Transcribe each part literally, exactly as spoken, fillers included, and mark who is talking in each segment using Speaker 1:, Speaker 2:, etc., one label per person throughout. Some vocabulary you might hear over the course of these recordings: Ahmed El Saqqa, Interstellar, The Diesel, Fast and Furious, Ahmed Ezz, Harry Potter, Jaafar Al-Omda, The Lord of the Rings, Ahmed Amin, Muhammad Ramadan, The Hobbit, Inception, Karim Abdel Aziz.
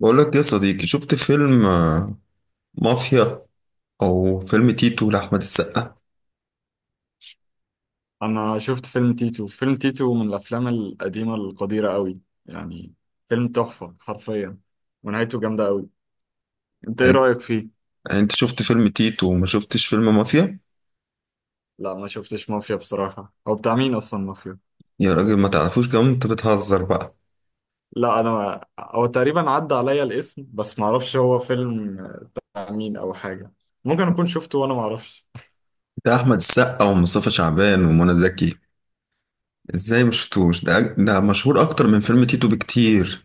Speaker 1: بقول لك يا صديقي، شفت فيلم آه، مافيا او فيلم تيتو لاحمد السقا؟
Speaker 2: انا شفت فيلم تيتو. فيلم تيتو من الافلام القديمه القديره قوي، يعني فيلم تحفه حرفيا، ونهايته جامده قوي. انت ايه
Speaker 1: يعني
Speaker 2: رايك فيه؟
Speaker 1: يعني انت شفت فيلم تيتو وما شفتش فيلم مافيا؟
Speaker 2: لا ما شفتش مافيا بصراحه، هو بتاع مين اصلا مافيا؟
Speaker 1: يا راجل ما تعرفوش؟ كمان انت بتهزر بقى.
Speaker 2: لا انا ما... هو تقريبا عدى عليا الاسم بس ما اعرفش هو فيلم بتاع مين او حاجه، ممكن اكون شفته وانا ما اعرفش.
Speaker 1: ده احمد السقا ومصطفى شعبان ومنى زكي. ازاي ما شفتوش؟ ده أج- ده مشهور اكتر من فيلم تيتو بكتير.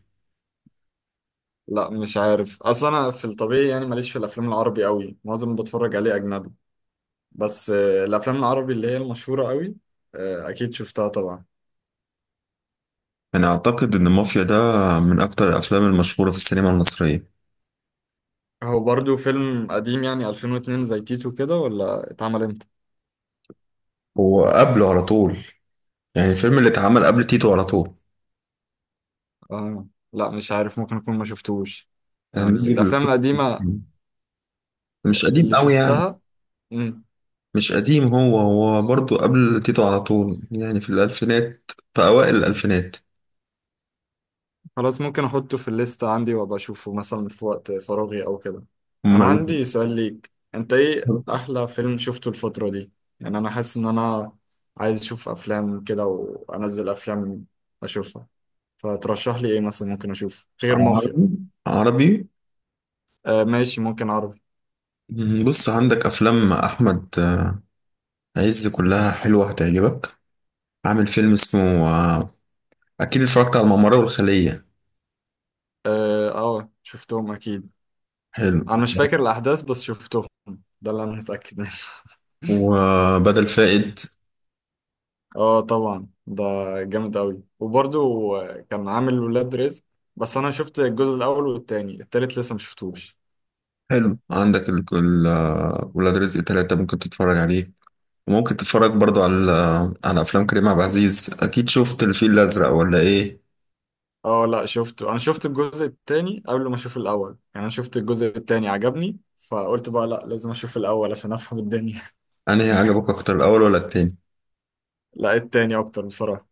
Speaker 2: لا مش عارف، اصل انا في الطبيعي يعني ماليش في الافلام العربي قوي، معظم اللي بتفرج عليه اجنبي. بس آه، الافلام العربي اللي هي المشهوره قوي، آه، اكيد شفتها طبعا.
Speaker 1: انا اعتقد ان مافيا ده من اكتر الافلام المشهورة في السينما المصرية.
Speaker 2: هو برضو فيلم قديم يعني الفين واثنين زي تيتو كده ولا اتعمل امتى؟
Speaker 1: هو قبله على طول، يعني الفيلم اللي اتعمل قبل تيتو على طول.
Speaker 2: آه. لا مش عارف، ممكن اكون ما شفتوش، يعني
Speaker 1: يعني نزل
Speaker 2: الافلام
Speaker 1: القدس،
Speaker 2: القديمة
Speaker 1: مش قديم
Speaker 2: اللي
Speaker 1: قوي يعني.
Speaker 2: شفتها. مم.
Speaker 1: مش قديم، هو هو برضه قبل تيتو على طول، يعني في الألفينات، في أوائل الألفينات.
Speaker 2: خلاص ممكن احطه في الليستة عندي وابقى اشوفه مثلا في وقت فراغي او كده. انا
Speaker 1: أمال.
Speaker 2: عندي سؤال ليك، انت ايه احلى فيلم شفته الفترة دي؟ يعني انا حاسس ان انا عايز اشوف افلام كده، وانزل افلام اشوفها. فترشح لي ايه مثلا ممكن اشوف غير مافيا؟
Speaker 1: عربي، عربي.
Speaker 2: آه ماشي، ممكن عربي.
Speaker 1: مم، بص، عندك أفلام أحمد عز كلها حلوة هتعجبك. عامل فيلم اسمه آه، أكيد اتفرجت على الممر والخلية.
Speaker 2: اه آه، شفتهم اكيد.
Speaker 1: حلو.
Speaker 2: انا مش فاكر الاحداث بس شفتهم، ده اللي انا متاكد منه.
Speaker 1: وبدل فائد.
Speaker 2: اه طبعا ده جامد قوي. وبرضو آه، كان عامل ولاد رزق، بس انا شفت الجزء الاول والتاني، التالت لسه ما شفتوش.
Speaker 1: حلو. عندك ال- ال- آه، ولاد رزق تلاتة ممكن تتفرج عليه. وممكن تتفرج برضو على على افلام كريم عبد العزيز. اكيد شفت الفيل الازرق ولا ايه؟
Speaker 2: اه لا شفته، انا شفت الجزء التاني قبل ما اشوف الاول، يعني انا شفت الجزء التاني عجبني، فقلت بقى لا لازم اشوف الاول عشان افهم الدنيا.
Speaker 1: انهي عجبك اكتر، الاول ولا التاني؟
Speaker 2: لا التاني اكتر بصراحه،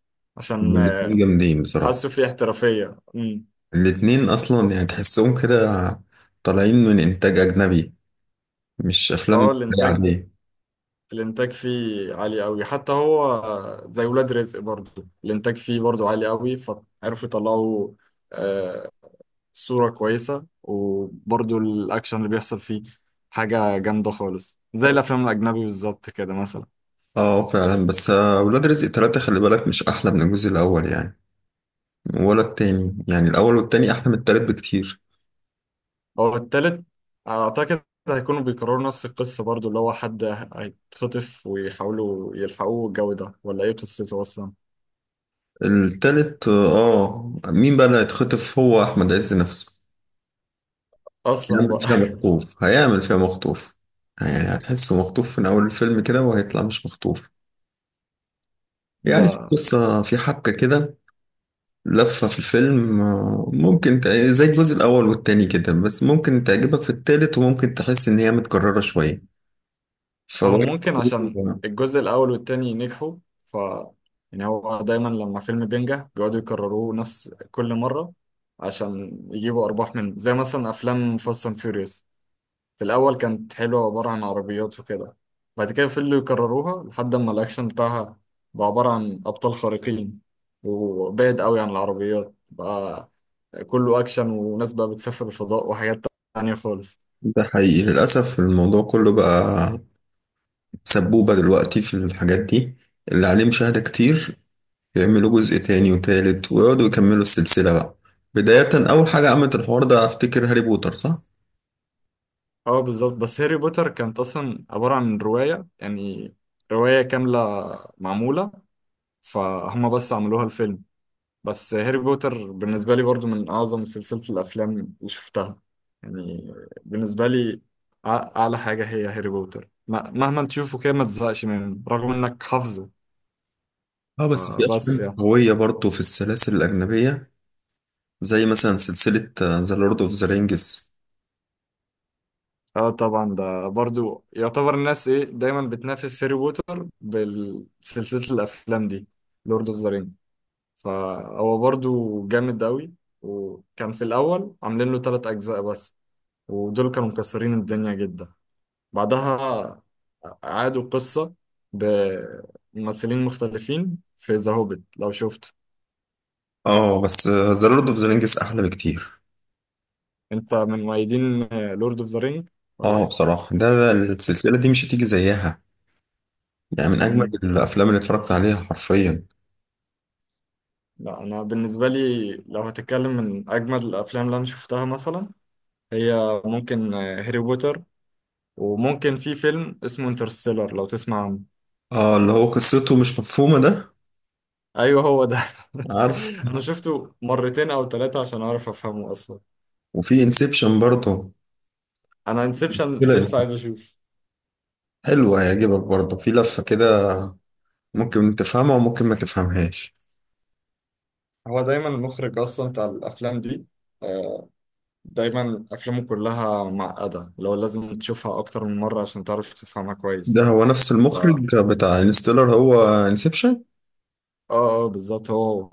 Speaker 1: هما
Speaker 2: عشان
Speaker 1: الاتنين
Speaker 2: آه،
Speaker 1: جامدين بصراحه.
Speaker 2: حاسه فيه احترافيه امم
Speaker 1: الاتنين اصلا يعني تحسهم كده طالعين من انتاج اجنبي، مش
Speaker 2: اه
Speaker 1: افلام
Speaker 2: الانتاج.
Speaker 1: عاديه.
Speaker 2: الانتاج فيه عالي قوي حتى هو، زي ولاد رزق برضو الانتاج فيه برضو عالي قوي، فعرفوا يطلعوا آه، صورة كويسة، وبرضو الاكشن اللي بيحصل فيه حاجة جامدة خالص زي الافلام الاجنبي بالظبط كده مثلا.
Speaker 1: اه فعلا، بس آه، ولاد رزق تلاتة خلي بالك مش احلى من الجزء الاول يعني ولا التاني. يعني الاول والتاني احلى من التالت بكتير.
Speaker 2: هو التالت اعتقد هيكونوا بيكرروا نفس القصة برضو، اللي هو حد هيتخطف ويحاولوا يلحقوه، الجو ده ولا ايه قصته اصلا؟
Speaker 1: التالت، اه. آه، مين بقى اللي هيتخطف؟ هو احمد عز نفسه.
Speaker 2: اصلا
Speaker 1: هيعمل
Speaker 2: بقى
Speaker 1: فيها مخطوف، هيعمل فيها مخطوف، يعني هتحسه مخطوف من أول الفيلم كده وهيطلع مش مخطوف. يعني في
Speaker 2: ده
Speaker 1: قصة، في حبكة كده، لفة في الفيلم. آه، ممكن ت- زي الجزء الأول والتاني كده، بس ممكن تعجبك في التالت وممكن تحس إن هي متكررة شوية.
Speaker 2: هو
Speaker 1: فبرضه
Speaker 2: ممكن عشان الجزء الأول والتاني نجحوا، ف يعني هو دايما لما فيلم بينجح بيقعدوا يكرروه نفس كل مرة عشان يجيبوا أرباح منه. زي مثلا أفلام فاست أند فيوريوس، في الأول كانت حلوة عبارة عن عربيات وكده، بعد كده فضلوا يكرروها لحد ما الأكشن بتاعها بقى عبارة عن أبطال خارقين، وبعد قوي عن العربيات بقى كله أكشن، وناس بقى بتسافر الفضاء وحاجات تانية خالص.
Speaker 1: ده حقيقي للأسف. الموضوع كله بقى سبوبة دلوقتي في الحاجات دي اللي عليه مشاهدة كتير. يعملوا جزء تاني وتالت ويقعدوا يكملوا السلسلة بقى. بداية أول حاجة عملت الحوار ده أفتكر هاري بوتر، صح؟
Speaker 2: اه بالظبط، بس هاري بوتر كانت اصلا عبارة عن رواية يعني، رواية كاملة معمولة، فهم بس عملوها الفيلم. بس هاري بوتر بالنسبة لي برضو من اعظم سلسلة الافلام اللي شفتها، يعني بالنسبة لي أع- اعلى حاجة هي هاري بوتر، م- مهما تشوفه كده ما تزهقش منه رغم انك حافظه.
Speaker 1: اه، بس في
Speaker 2: فبس
Speaker 1: أفلام
Speaker 2: يعني
Speaker 1: قوية برضه في السلاسل الأجنبية، زي مثلا سلسلة ذا لورد أوف ذا رينجز.
Speaker 2: اه طبعا ده برضو يعتبر، الناس ايه دايما بتنافس هاري بوتر بسلسلة الافلام دي، لورد اوف ذا. فهو برضو جامد أوي، وكان في الأول عاملين له تلات أجزاء بس، ودول كانوا مكسرين الدنيا جدا. بعدها عادوا القصة بممثلين مختلفين في ذا هوبيت لو شفته.
Speaker 1: اه بس ذا لورد أوف ذا رينجز أحلى بكتير.
Speaker 2: أنت من مؤيدين لورد أوف ذا رينج ولا
Speaker 1: اه
Speaker 2: إيه؟
Speaker 1: بصراحة ده، ده السلسلة دي مش هتيجي زيها. يعني من أجمل
Speaker 2: مم.
Speaker 1: الأفلام اللي اتفرجت عليها حرفيا.
Speaker 2: لا أنا بالنسبة لي لو هتتكلم من أجمد الأفلام اللي أنا شفتها مثلا، هي ممكن هاري بوتر، وممكن في فيلم اسمه انترستيلر لو تسمع عنه.
Speaker 1: اه اللي هو قصته مش مفهومة ده.
Speaker 2: ايوه هو ده.
Speaker 1: عارف.
Speaker 2: انا شفته مرتين او ثلاثة عشان اعرف افهمه اصلا.
Speaker 1: وفي انسبشن برضه.
Speaker 2: انا انسبشن لسه
Speaker 1: لا،
Speaker 2: عايز اشوف.
Speaker 1: حلوة هيعجبك برضه، في لفة كده، ممكن تفهمها وممكن ما تفهمهاش.
Speaker 2: هو دايما المخرج اصلا بتاع الافلام دي، آه، دايما افلامه كلها معقدة، لو لازم تشوفها اكتر من مرة عشان تعرف تفهمها كويس.
Speaker 1: ده هو نفس
Speaker 2: ف
Speaker 1: المخرج
Speaker 2: اه
Speaker 1: بتاع انستيلر، هو انسبشن.
Speaker 2: اه بالظبط هو.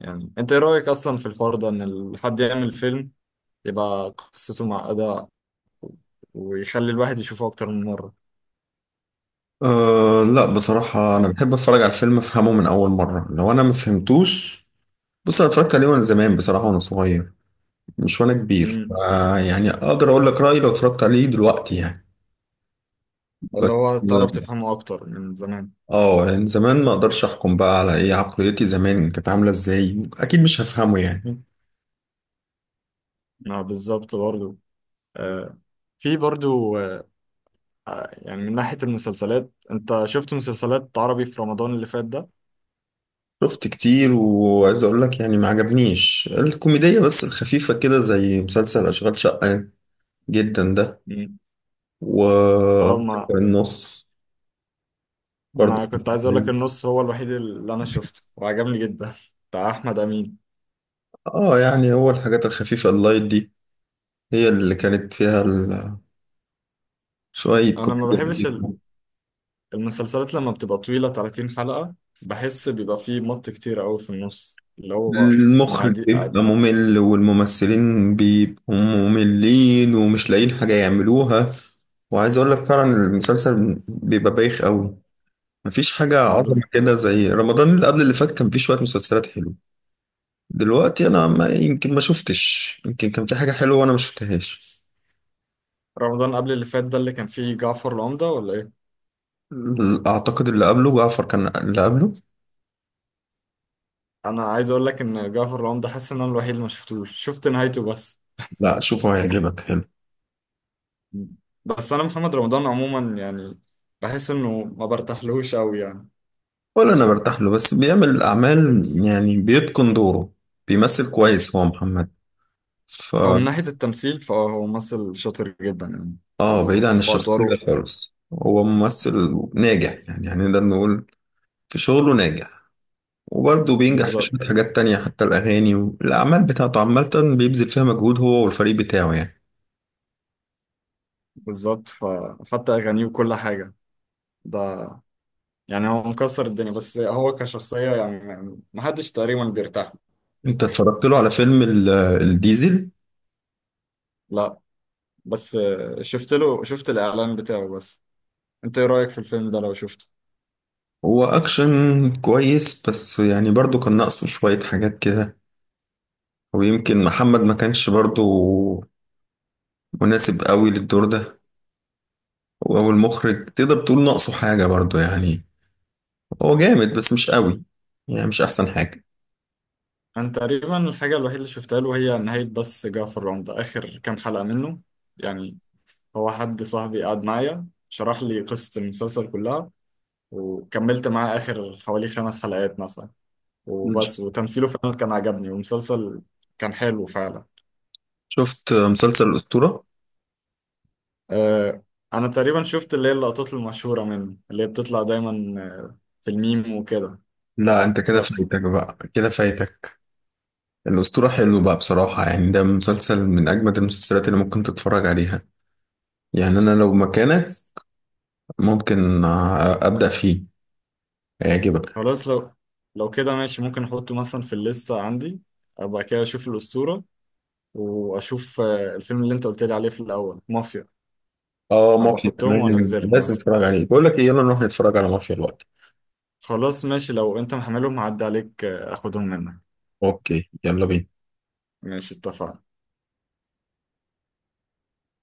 Speaker 2: يعني انت ايه رأيك اصلا في الحوار ده، ان ال- حد يعمل فيلم يبقى قصته معقدة ويخلي الواحد يشوفه اكتر من مرة؟
Speaker 1: آه لا، بصراحة أنا
Speaker 2: يعني-
Speaker 1: بحب أتفرج على الفيلم أفهمه من أول مرة لو أنا ما فهمتوش. بص، أنا اتفرجت عليه وأنا زمان بصراحة، وأنا صغير مش وأنا كبير،
Speaker 2: مم.
Speaker 1: آه يعني أقدر أقول لك رأيي لو اتفرجت عليه دلوقتي يعني.
Speaker 2: اللي
Speaker 1: بس
Speaker 2: هو تعرف تفهمه اكتر من زمان.
Speaker 1: آه يعني زمان ما أقدرش أحكم بقى على إيه عقليتي زمان كانت عاملة إزاي. أكيد مش هفهمه يعني.
Speaker 2: ما بالظبط برضو، آه، في برضو آه، يعني من ناحية المسلسلات، انت شفت مسلسلات عربي في رمضان اللي فات ده؟
Speaker 1: شفت كتير، وعايز اقول لك يعني ما عجبنيش الكوميدية بس الخفيفة كده زي مسلسل اشغال شقة جدا ده.
Speaker 2: مم.
Speaker 1: و
Speaker 2: اه ما
Speaker 1: النص برضه
Speaker 2: انا
Speaker 1: كان
Speaker 2: كنت عايز اقول لك
Speaker 1: كويس.
Speaker 2: النص هو الوحيد اللي انا شفته وعجبني جدا بتاع احمد امين.
Speaker 1: اه يعني هو الحاجات الخفيفة اللايت دي هي اللي كانت فيها ال- شوية
Speaker 2: انا ما
Speaker 1: كوميديا
Speaker 2: بحبش ال-
Speaker 1: كتير.
Speaker 2: المسلسلات لما بتبقى طويلة تلاتين حلقة، بحس بيبقى فيه مط كتير قوي في النص اللي هو، مع
Speaker 1: المخرج
Speaker 2: دي
Speaker 1: بيبقى ممل والممثلين بيبقوا مملين ومش لاقيين حاجة يعملوها. وعايز اقول لك فعلا المسلسل بيبقى بايخ قوي. مفيش حاجة
Speaker 2: مع
Speaker 1: عظمة
Speaker 2: بز...
Speaker 1: كده. زي رمضان اللي قبل اللي فات كان فيه شوية مسلسلات حلوة. دلوقتي أنا ما يمكن ما شفتش، يمكن كان في حاجة حلوة وأنا ما شفتهاش.
Speaker 2: رمضان قبل اللي فات ده اللي كان فيه جعفر العمدة ولا ايه؟
Speaker 1: ال- أعتقد اللي قبله جعفر، كان اللي قبله.
Speaker 2: انا عايز اقول لك ان جعفر العمدة حاسس ان انا الوحيد اللي ما شفتوش، شفت نهايته بس.
Speaker 1: لا شوفه هيعجبك، حلو.
Speaker 2: بس انا محمد رمضان عموما يعني بحس انه ما برتاحلوش قوي يعني.
Speaker 1: ولا أنا برتاح له، بس بيعمل الأعمال يعني، بيتقن دوره، بيمثل كويس هو محمد. ف
Speaker 2: هو من ناحية التمثيل فهو ممثل شاطر جدا يعني،
Speaker 1: آه
Speaker 2: و-
Speaker 1: بعيد عن
Speaker 2: في
Speaker 1: الشخصية
Speaker 2: ادواره
Speaker 1: خالص هو ممثل ناجح يعني، يعني نقدر نقول في شغله ناجح. وبرضه بينجح في
Speaker 2: بالظبط.
Speaker 1: شوية حاجات تانية، حتى الأغاني والأعمال بتاعته عامة بيبذل فيها مجهود هو والفريق بتاعه يعني.
Speaker 2: بالظبط، فحتى اغانيه وكل حاجة ده، يعني هو مكسر الدنيا، بس هو كشخصية يعني ما ما حدش تقريبا بيرتاح له.
Speaker 1: أنت اتفرجت له على فيلم ال- الديزل؟
Speaker 2: لا بس شفت له شفت الاعلان بتاعه بس. انت ايه رأيك في الفيلم ده لو شفته؟
Speaker 1: هو أكشن كويس، بس يعني برضه كان ناقصه شوية حاجات كده. ويمكن محمد ما كانش برضه مناسب قوي للدور ده، أو المخرج تقدر تقول ناقصه حاجة برضه يعني. هو جامد بس مش قوي، يعني مش أحسن حاجة.
Speaker 2: انا تقريبا الحاجة الوحيدة اللي شفتها له هي نهاية بس جعفر العمدة، اخر كام حلقة منه يعني، هو حد صاحبي قعد معايا شرح لي قصة المسلسل كلها، وكملت معاه آخر حوالي خمس حلقات مثلا
Speaker 1: مم.
Speaker 2: وبس، وتمثيله فعلا كان عجبني والمسلسل كان حلو فعلا.
Speaker 1: شفت مسلسل الأسطورة؟
Speaker 2: آه أنا تقريبا شفت اللي هي اللقطات المشهورة منه اللي هي بتطلع دايما آه، في الميم وكده
Speaker 1: لا أنت كده
Speaker 2: بس.
Speaker 1: فايتك بقى، كده فايتك. الأسطورة حلو بقى بصراحة، يعني ده مسلسل من أجمد المسلسلات اللي ممكن تتفرج عليها. يعني أنا لو مكانك ممكن آه، أبدأ فيه، هيعجبك.
Speaker 2: خلاص لو لو كده ماشي، ممكن أحطه مثلا في الليستة عندي، أبقى كده أشوف الأسطورة، وأشوف آه، الفيلم اللي أنت قلت لي عليه في الأول، مافيا.
Speaker 1: اه
Speaker 2: أبقى
Speaker 1: مافيا
Speaker 2: أحطهم
Speaker 1: كمان
Speaker 2: وأنزلهم
Speaker 1: لازم
Speaker 2: مثلا.
Speaker 1: تتفرج عليه. بقول لك إيه، يلا نروح نتفرج على مافيا الوقت.
Speaker 2: خلاص ماشي، لو انت محملهم هعدي عليك آه، اخدهم منك.
Speaker 1: أوكي، يلا بينا.
Speaker 2: ماشي اتفقنا.